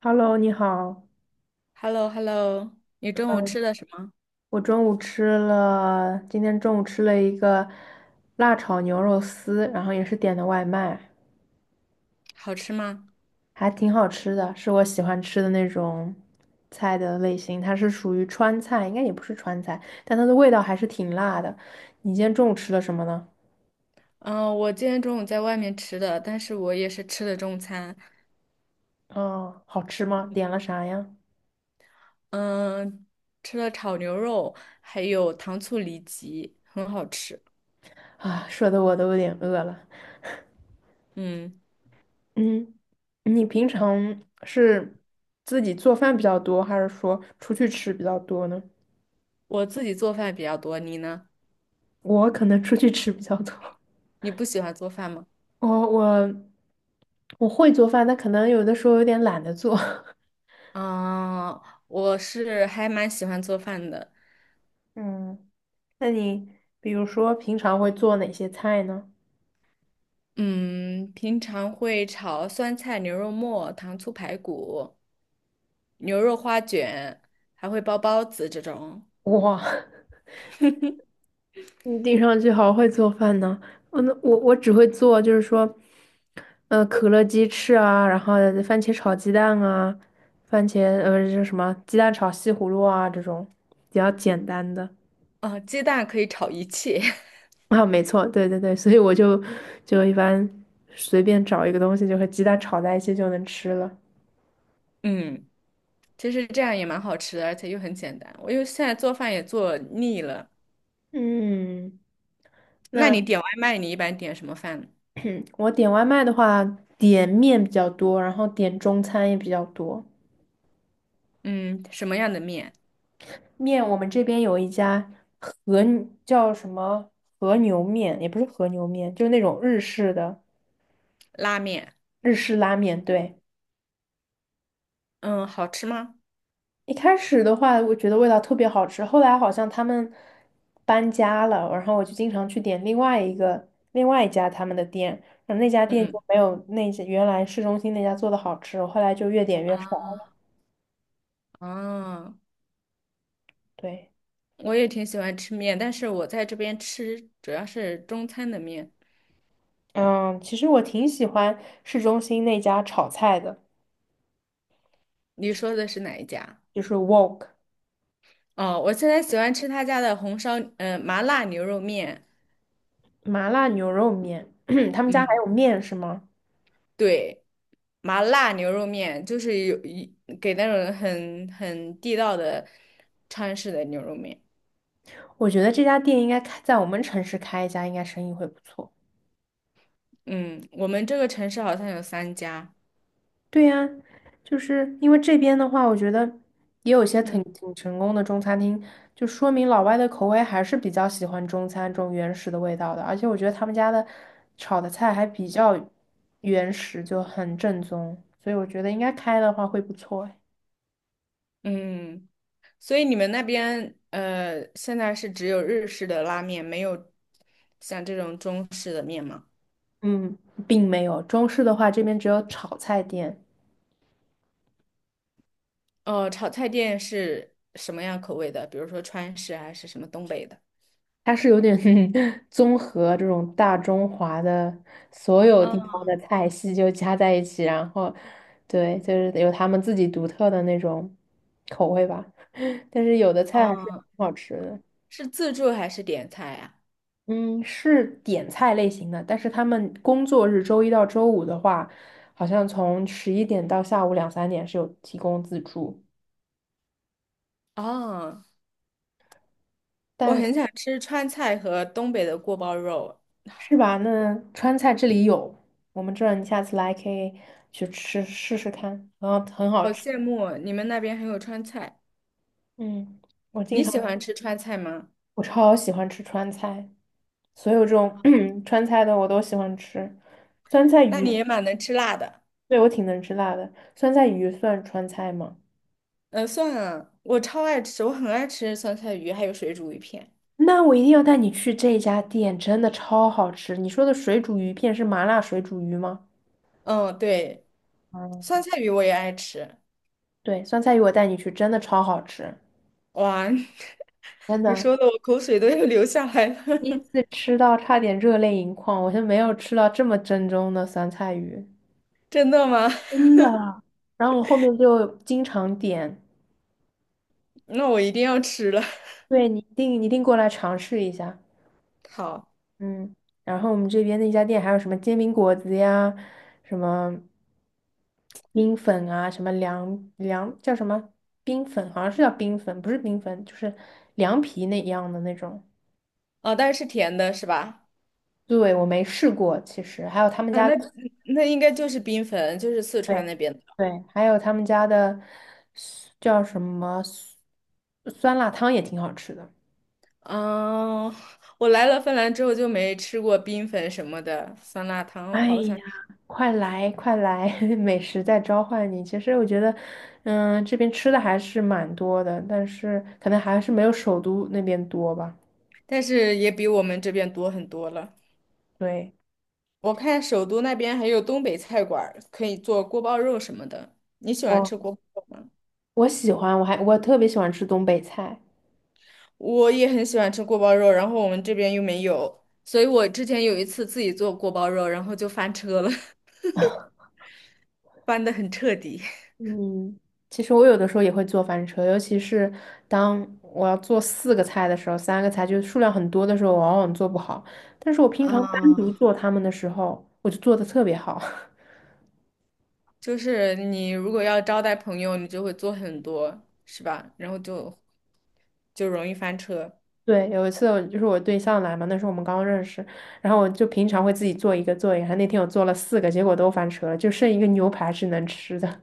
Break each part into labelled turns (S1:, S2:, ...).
S1: Hello，你好。
S2: Hello hello。 你中午吃的什么？
S1: 我中午吃了，今天中午吃了一个辣炒牛肉丝，然后也是点的外卖，
S2: 好吃吗？
S1: 还挺好吃的，是我喜欢吃的那种菜的类型。它是属于川菜，应该也不是川菜，但它的味道还是挺辣的。你今天中午吃了什么呢？
S2: 嗯、我今天中午在外面吃的，但是我也是吃的中餐。
S1: 哦，好吃吗？点了啥呀？
S2: 嗯、吃了炒牛肉，还有糖醋里脊，很好吃。
S1: 啊，说的我都有点饿了。
S2: 嗯，
S1: 嗯，你平常是自己做饭比较多，还是说出去吃比较多呢？
S2: 我自己做饭比较多，你呢？
S1: 我可能出去吃比较多，
S2: 你不喜欢做饭吗？
S1: 我我我会做饭，但可能有的时候有点懒得做。
S2: 啊、我是还蛮喜欢做饭的。
S1: 嗯，那你比如说平常会做哪些菜呢？
S2: 嗯，平常会炒酸菜牛肉末、糖醋排骨、牛肉花卷，还会包包子这种。
S1: 哇，你听上去好会做饭呢。嗯，那我只会做就是说，可乐鸡翅啊，然后番茄炒鸡蛋啊，番茄就是什么鸡蛋炒西葫芦啊这种比较简单的。
S2: 哦，鸡蛋可以炒一切。
S1: 啊，没错，对对对，所以我就一般随便找一个东西，就和鸡蛋炒在一起就能吃了。
S2: 嗯，其实这样也蛮好吃的，而且又很简单。我又现在做饭也做腻了。
S1: 嗯，
S2: 那
S1: 那
S2: 你点外卖，你一般点什么饭呢？
S1: 我点外卖的话，点面比较多，然后点中餐也比较多。
S2: 嗯，什么样的面？
S1: 面我们这边有一家和叫什么和牛面，也不是和牛面，就是那种日式的
S2: 拉面。
S1: 日式拉面，对。
S2: 嗯，好吃吗？
S1: 一开始的话，我觉得味道特别好吃，后来好像他们搬家了，然后我就经常去点另外一家他们的店，然后那家店就
S2: 嗯，
S1: 没有那家原来市中心那家做的好吃，我后来就越点越少
S2: 啊，
S1: 了。对，
S2: 我也挺喜欢吃面，但是我在这边吃主要是中餐的面。
S1: 嗯，其实我挺喜欢市中心那家炒菜的，
S2: 你说的是哪一家？
S1: 就是 Wok
S2: 哦，我现在喜欢吃他家的红烧，麻辣牛肉面。
S1: 麻辣牛肉面，他们家还
S2: 嗯。
S1: 有面是吗？
S2: 对，麻辣牛肉面就是有一给那种很地道的川式的牛肉面。
S1: 我觉得这家店应该开在我们城市开一家，应该生意会不错。
S2: 嗯，我们这个城市好像有三家。
S1: 对呀，就是因为这边的话，我觉得也有些挺
S2: 嗯。
S1: 挺成功的中餐厅，就说明老外的口味还是比较喜欢中餐这种原始的味道的，而且我觉得他们家的炒的菜还比较原始，就很正宗，所以我觉得应该开的话会不错诶。
S2: 嗯，所以你们那边现在是只有日式的拉面，没有像这种中式的面吗？
S1: 嗯，并没有，中式的话这边只有炒菜店。
S2: 哦，炒菜店是什么样口味的？比如说川式还是什么东北的？
S1: 它是有点 综合这种大中华的所有
S2: 嗯。
S1: 地方的菜系就加在一起，然后对，就是有他们自己独特的那种口味吧。但是有的菜还是挺
S2: 嗯，
S1: 好吃的，
S2: 是自助还是点菜呀？
S1: 嗯，是点菜类型的，但是他们工作日周一到周五的话，好像从十一点到下午两三点是有提供自助，
S2: 哦，我
S1: 但是
S2: 很想吃川菜和东北的锅包肉，
S1: 是吧？那川菜这里有，我们这儿你下次来可以去吃试试看，然后很好
S2: 好
S1: 吃。
S2: 羡慕你们那边还有川菜。
S1: 嗯，我经
S2: 你
S1: 常
S2: 喜欢吃川菜吗？
S1: 我超喜欢吃川菜，所有这种 川菜的我都喜欢吃。酸菜
S2: 那
S1: 鱼，
S2: 你也蛮能吃辣的。
S1: 对，我挺能吃辣的。酸菜鱼算川菜吗？
S2: 算了，我超爱吃，我很爱吃酸菜鱼，还有水煮鱼片。
S1: 那我一定要带你去这家店，真的超好吃。你说的水煮鱼片是麻辣水煮鱼吗？
S2: 嗯，对，酸
S1: 嗯，
S2: 菜鱼我也爱吃。
S1: 对，酸菜鱼我带你去，真的超好吃，
S2: 哇，
S1: 真
S2: 你
S1: 的。
S2: 说的我口水都要流下来了。
S1: 第一次吃到差点热泪盈眶，我是没有吃到这么正宗的酸菜鱼。
S2: 真的吗？
S1: 真的啊然后我后面就经常点，
S2: 那我一定要吃了。
S1: 对，你一定一定过来尝试一下，
S2: 好，
S1: 嗯。然后我们这边那家店还有什么煎饼果子呀，什么冰粉啊，什么凉凉叫什么冰粉，好像是叫冰粉，不是冰粉，就是凉皮那一样的那种。
S2: 哦，但是是甜的是吧？
S1: 对，我没试过，其实还有他们
S2: 啊，
S1: 家
S2: 那
S1: 的，
S2: 那应该就是冰粉，就是四川
S1: 对
S2: 那边。
S1: 对，还有他们家的叫什么酸酸辣汤也挺好吃的。
S2: 嗯，我来了芬兰之后就没吃过冰粉什么的，酸辣汤
S1: 哎
S2: 好像，
S1: 呀，快来快来，美食在召唤你。其实我觉得，嗯，这边吃的还是蛮多的，但是可能还是没有首都那边多吧。
S2: 但是也比我们这边多很多了。
S1: 对，
S2: 我看首都那边还有东北菜馆儿可以做锅包肉什么的。你喜欢吃
S1: 我
S2: 锅包肉吗？
S1: 我喜欢，我还特别喜欢吃东北菜。
S2: 我也很喜欢吃锅包肉，然后我们这边又没有，所以我之前有一次自己做锅包肉，然后就翻车了。翻得很彻底。
S1: 嗯，其实我有的时候也会做翻车，尤其是当我要做四个菜的时候，三个菜就是数量很多的时候，我往往做不好。但是我平常单独
S2: 嗯，
S1: 做它们的时候，我就做的特别好。
S2: 就是你如果要招待朋友，你就会做很多，是吧？然后就容易翻车。
S1: 对，有一次我就是我对象来嘛，那时候我们刚认识，然后我就平常会自己做一个，那天我做了四个，结果都翻车了，就剩一个牛排是能吃的。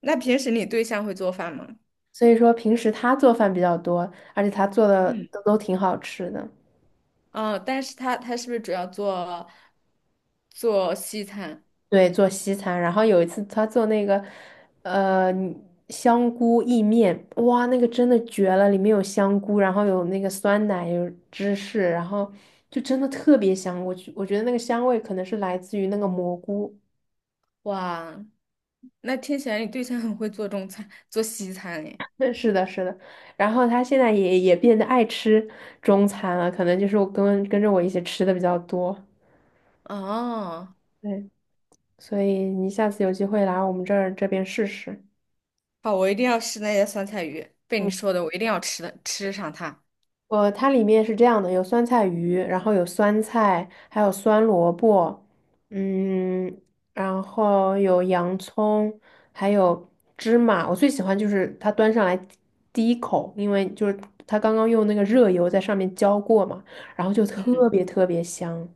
S2: 那平时你对象会做饭吗？
S1: 所以说平时他做饭比较多，而且他做的
S2: 嗯。
S1: 都挺好吃的。
S2: 嗯，但是他是不是主要做西餐？
S1: 对，做西餐，然后有一次他做那个，呃，香菇意面，哇，那个真的绝了，里面有香菇，然后有那个酸奶，有芝士，然后就真的特别香。我觉得那个香味可能是来自于那个蘑菇。
S2: 哇，那听起来你对象很会做中餐，做西餐诶。
S1: 对，是的，是的。然后他现在也变得爱吃中餐了，可能就是我跟着我一起吃的比较多。
S2: 哦，
S1: 对，所以你下次有机会来我们这边试试。
S2: 好，我一定要吃那些酸菜鱼，被你
S1: 嗯，
S2: 说的，我一定要吃的，吃上它。
S1: 呃，它里面是这样的，有酸菜鱼，然后有酸菜，还有酸萝卜，嗯，然后有洋葱，还有芝麻。我最喜欢就是它端上来第一口，因为就是它刚刚用那个热油在上面浇过嘛，然后就特
S2: 嗯，
S1: 别特别香。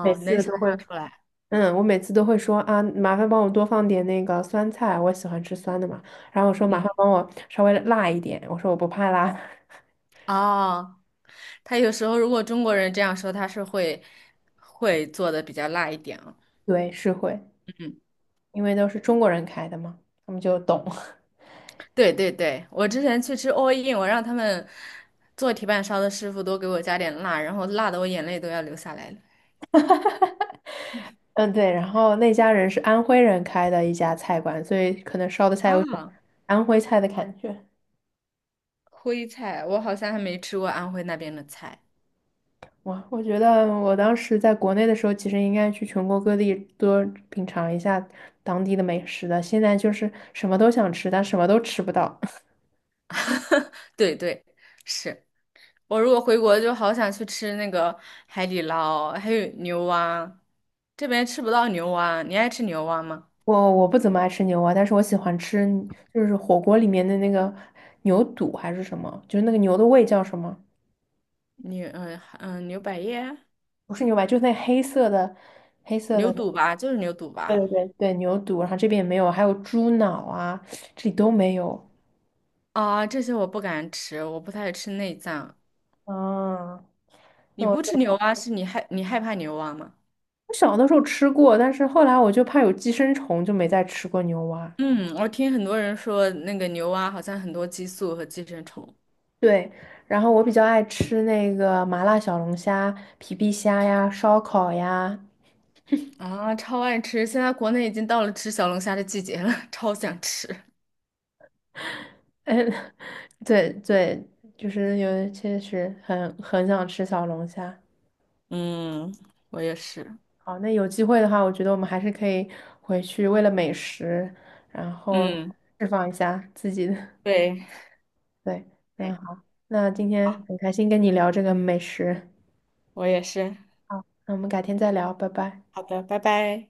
S1: 每
S2: 能
S1: 次
S2: 想
S1: 都
S2: 象
S1: 会，
S2: 出来。
S1: 嗯，我每次都会说啊，麻烦帮我多放点那个酸菜，我喜欢吃酸的嘛。然后我说麻
S2: 嗯。
S1: 烦帮我稍微辣一点，我说我不怕辣。
S2: 哦，他有时候如果中国人这样说，他是会做的比较辣一点啊。
S1: 对，是会，
S2: 嗯，
S1: 因为都是中国人开的嘛，他们就懂。
S2: 对对对，我之前去吃 all in，我让他们做铁板烧的师傅多给我加点辣，然后辣的我眼泪都要流下来了。
S1: 嗯，对。然后那家人是安徽人开的一家菜馆，所以可能烧的菜有种
S2: 啊，
S1: 安徽菜的感觉。
S2: 徽菜，我好像还没吃过安徽那边的菜。
S1: 哇，我觉得我当时在国内的时候，其实应该去全国各地多品尝一下当地的美食的。现在就是什么都想吃，但什么都吃不到。
S2: 对对，是我如果回国就好想去吃那个海底捞，还有牛蛙，这边吃不到牛蛙，你爱吃牛蛙吗？
S1: 我不怎么爱吃牛蛙，但是我喜欢吃，就是火锅里面的那个牛肚还是什么，就是那个牛的胃叫什么？
S2: 牛嗯嗯牛百叶、
S1: 不是牛排，就是那黑色的，黑色
S2: 牛
S1: 的。
S2: 肚吧，就是牛肚
S1: 对
S2: 吧。
S1: 对对对，牛肚，然后这边也没有，还有猪脑啊，这里都没有。
S2: 啊，这些我不敢吃，我不太吃内脏。
S1: 啊。
S2: 你
S1: 那我
S2: 不吃
S1: 就
S2: 牛蛙，是你害怕牛蛙吗？
S1: 我小的时候吃过，但是后来我就怕有寄生虫，就没再吃过牛蛙。
S2: 嗯，我听很多人说那个牛蛙好像很多激素和寄生虫。
S1: 对，然后我比较爱吃那个麻辣小龙虾、皮皮虾呀、烧烤呀，
S2: 啊，超爱吃。现在国内已经到了吃小龙虾的季节了，超想吃。
S1: 嗯，对对，就是有确实很想吃小龙虾。
S2: 嗯，我也是。
S1: 好，那有机会的话，我觉得我们还是可以回去为了美食，然后
S2: 嗯，
S1: 释放一下自己的。
S2: 对，
S1: 对，那
S2: 对，
S1: 好，那今天
S2: 好，
S1: 很开心跟你聊这个美食。
S2: 我也是。
S1: 好，那我们改天再聊，拜拜。
S2: 好的，拜拜。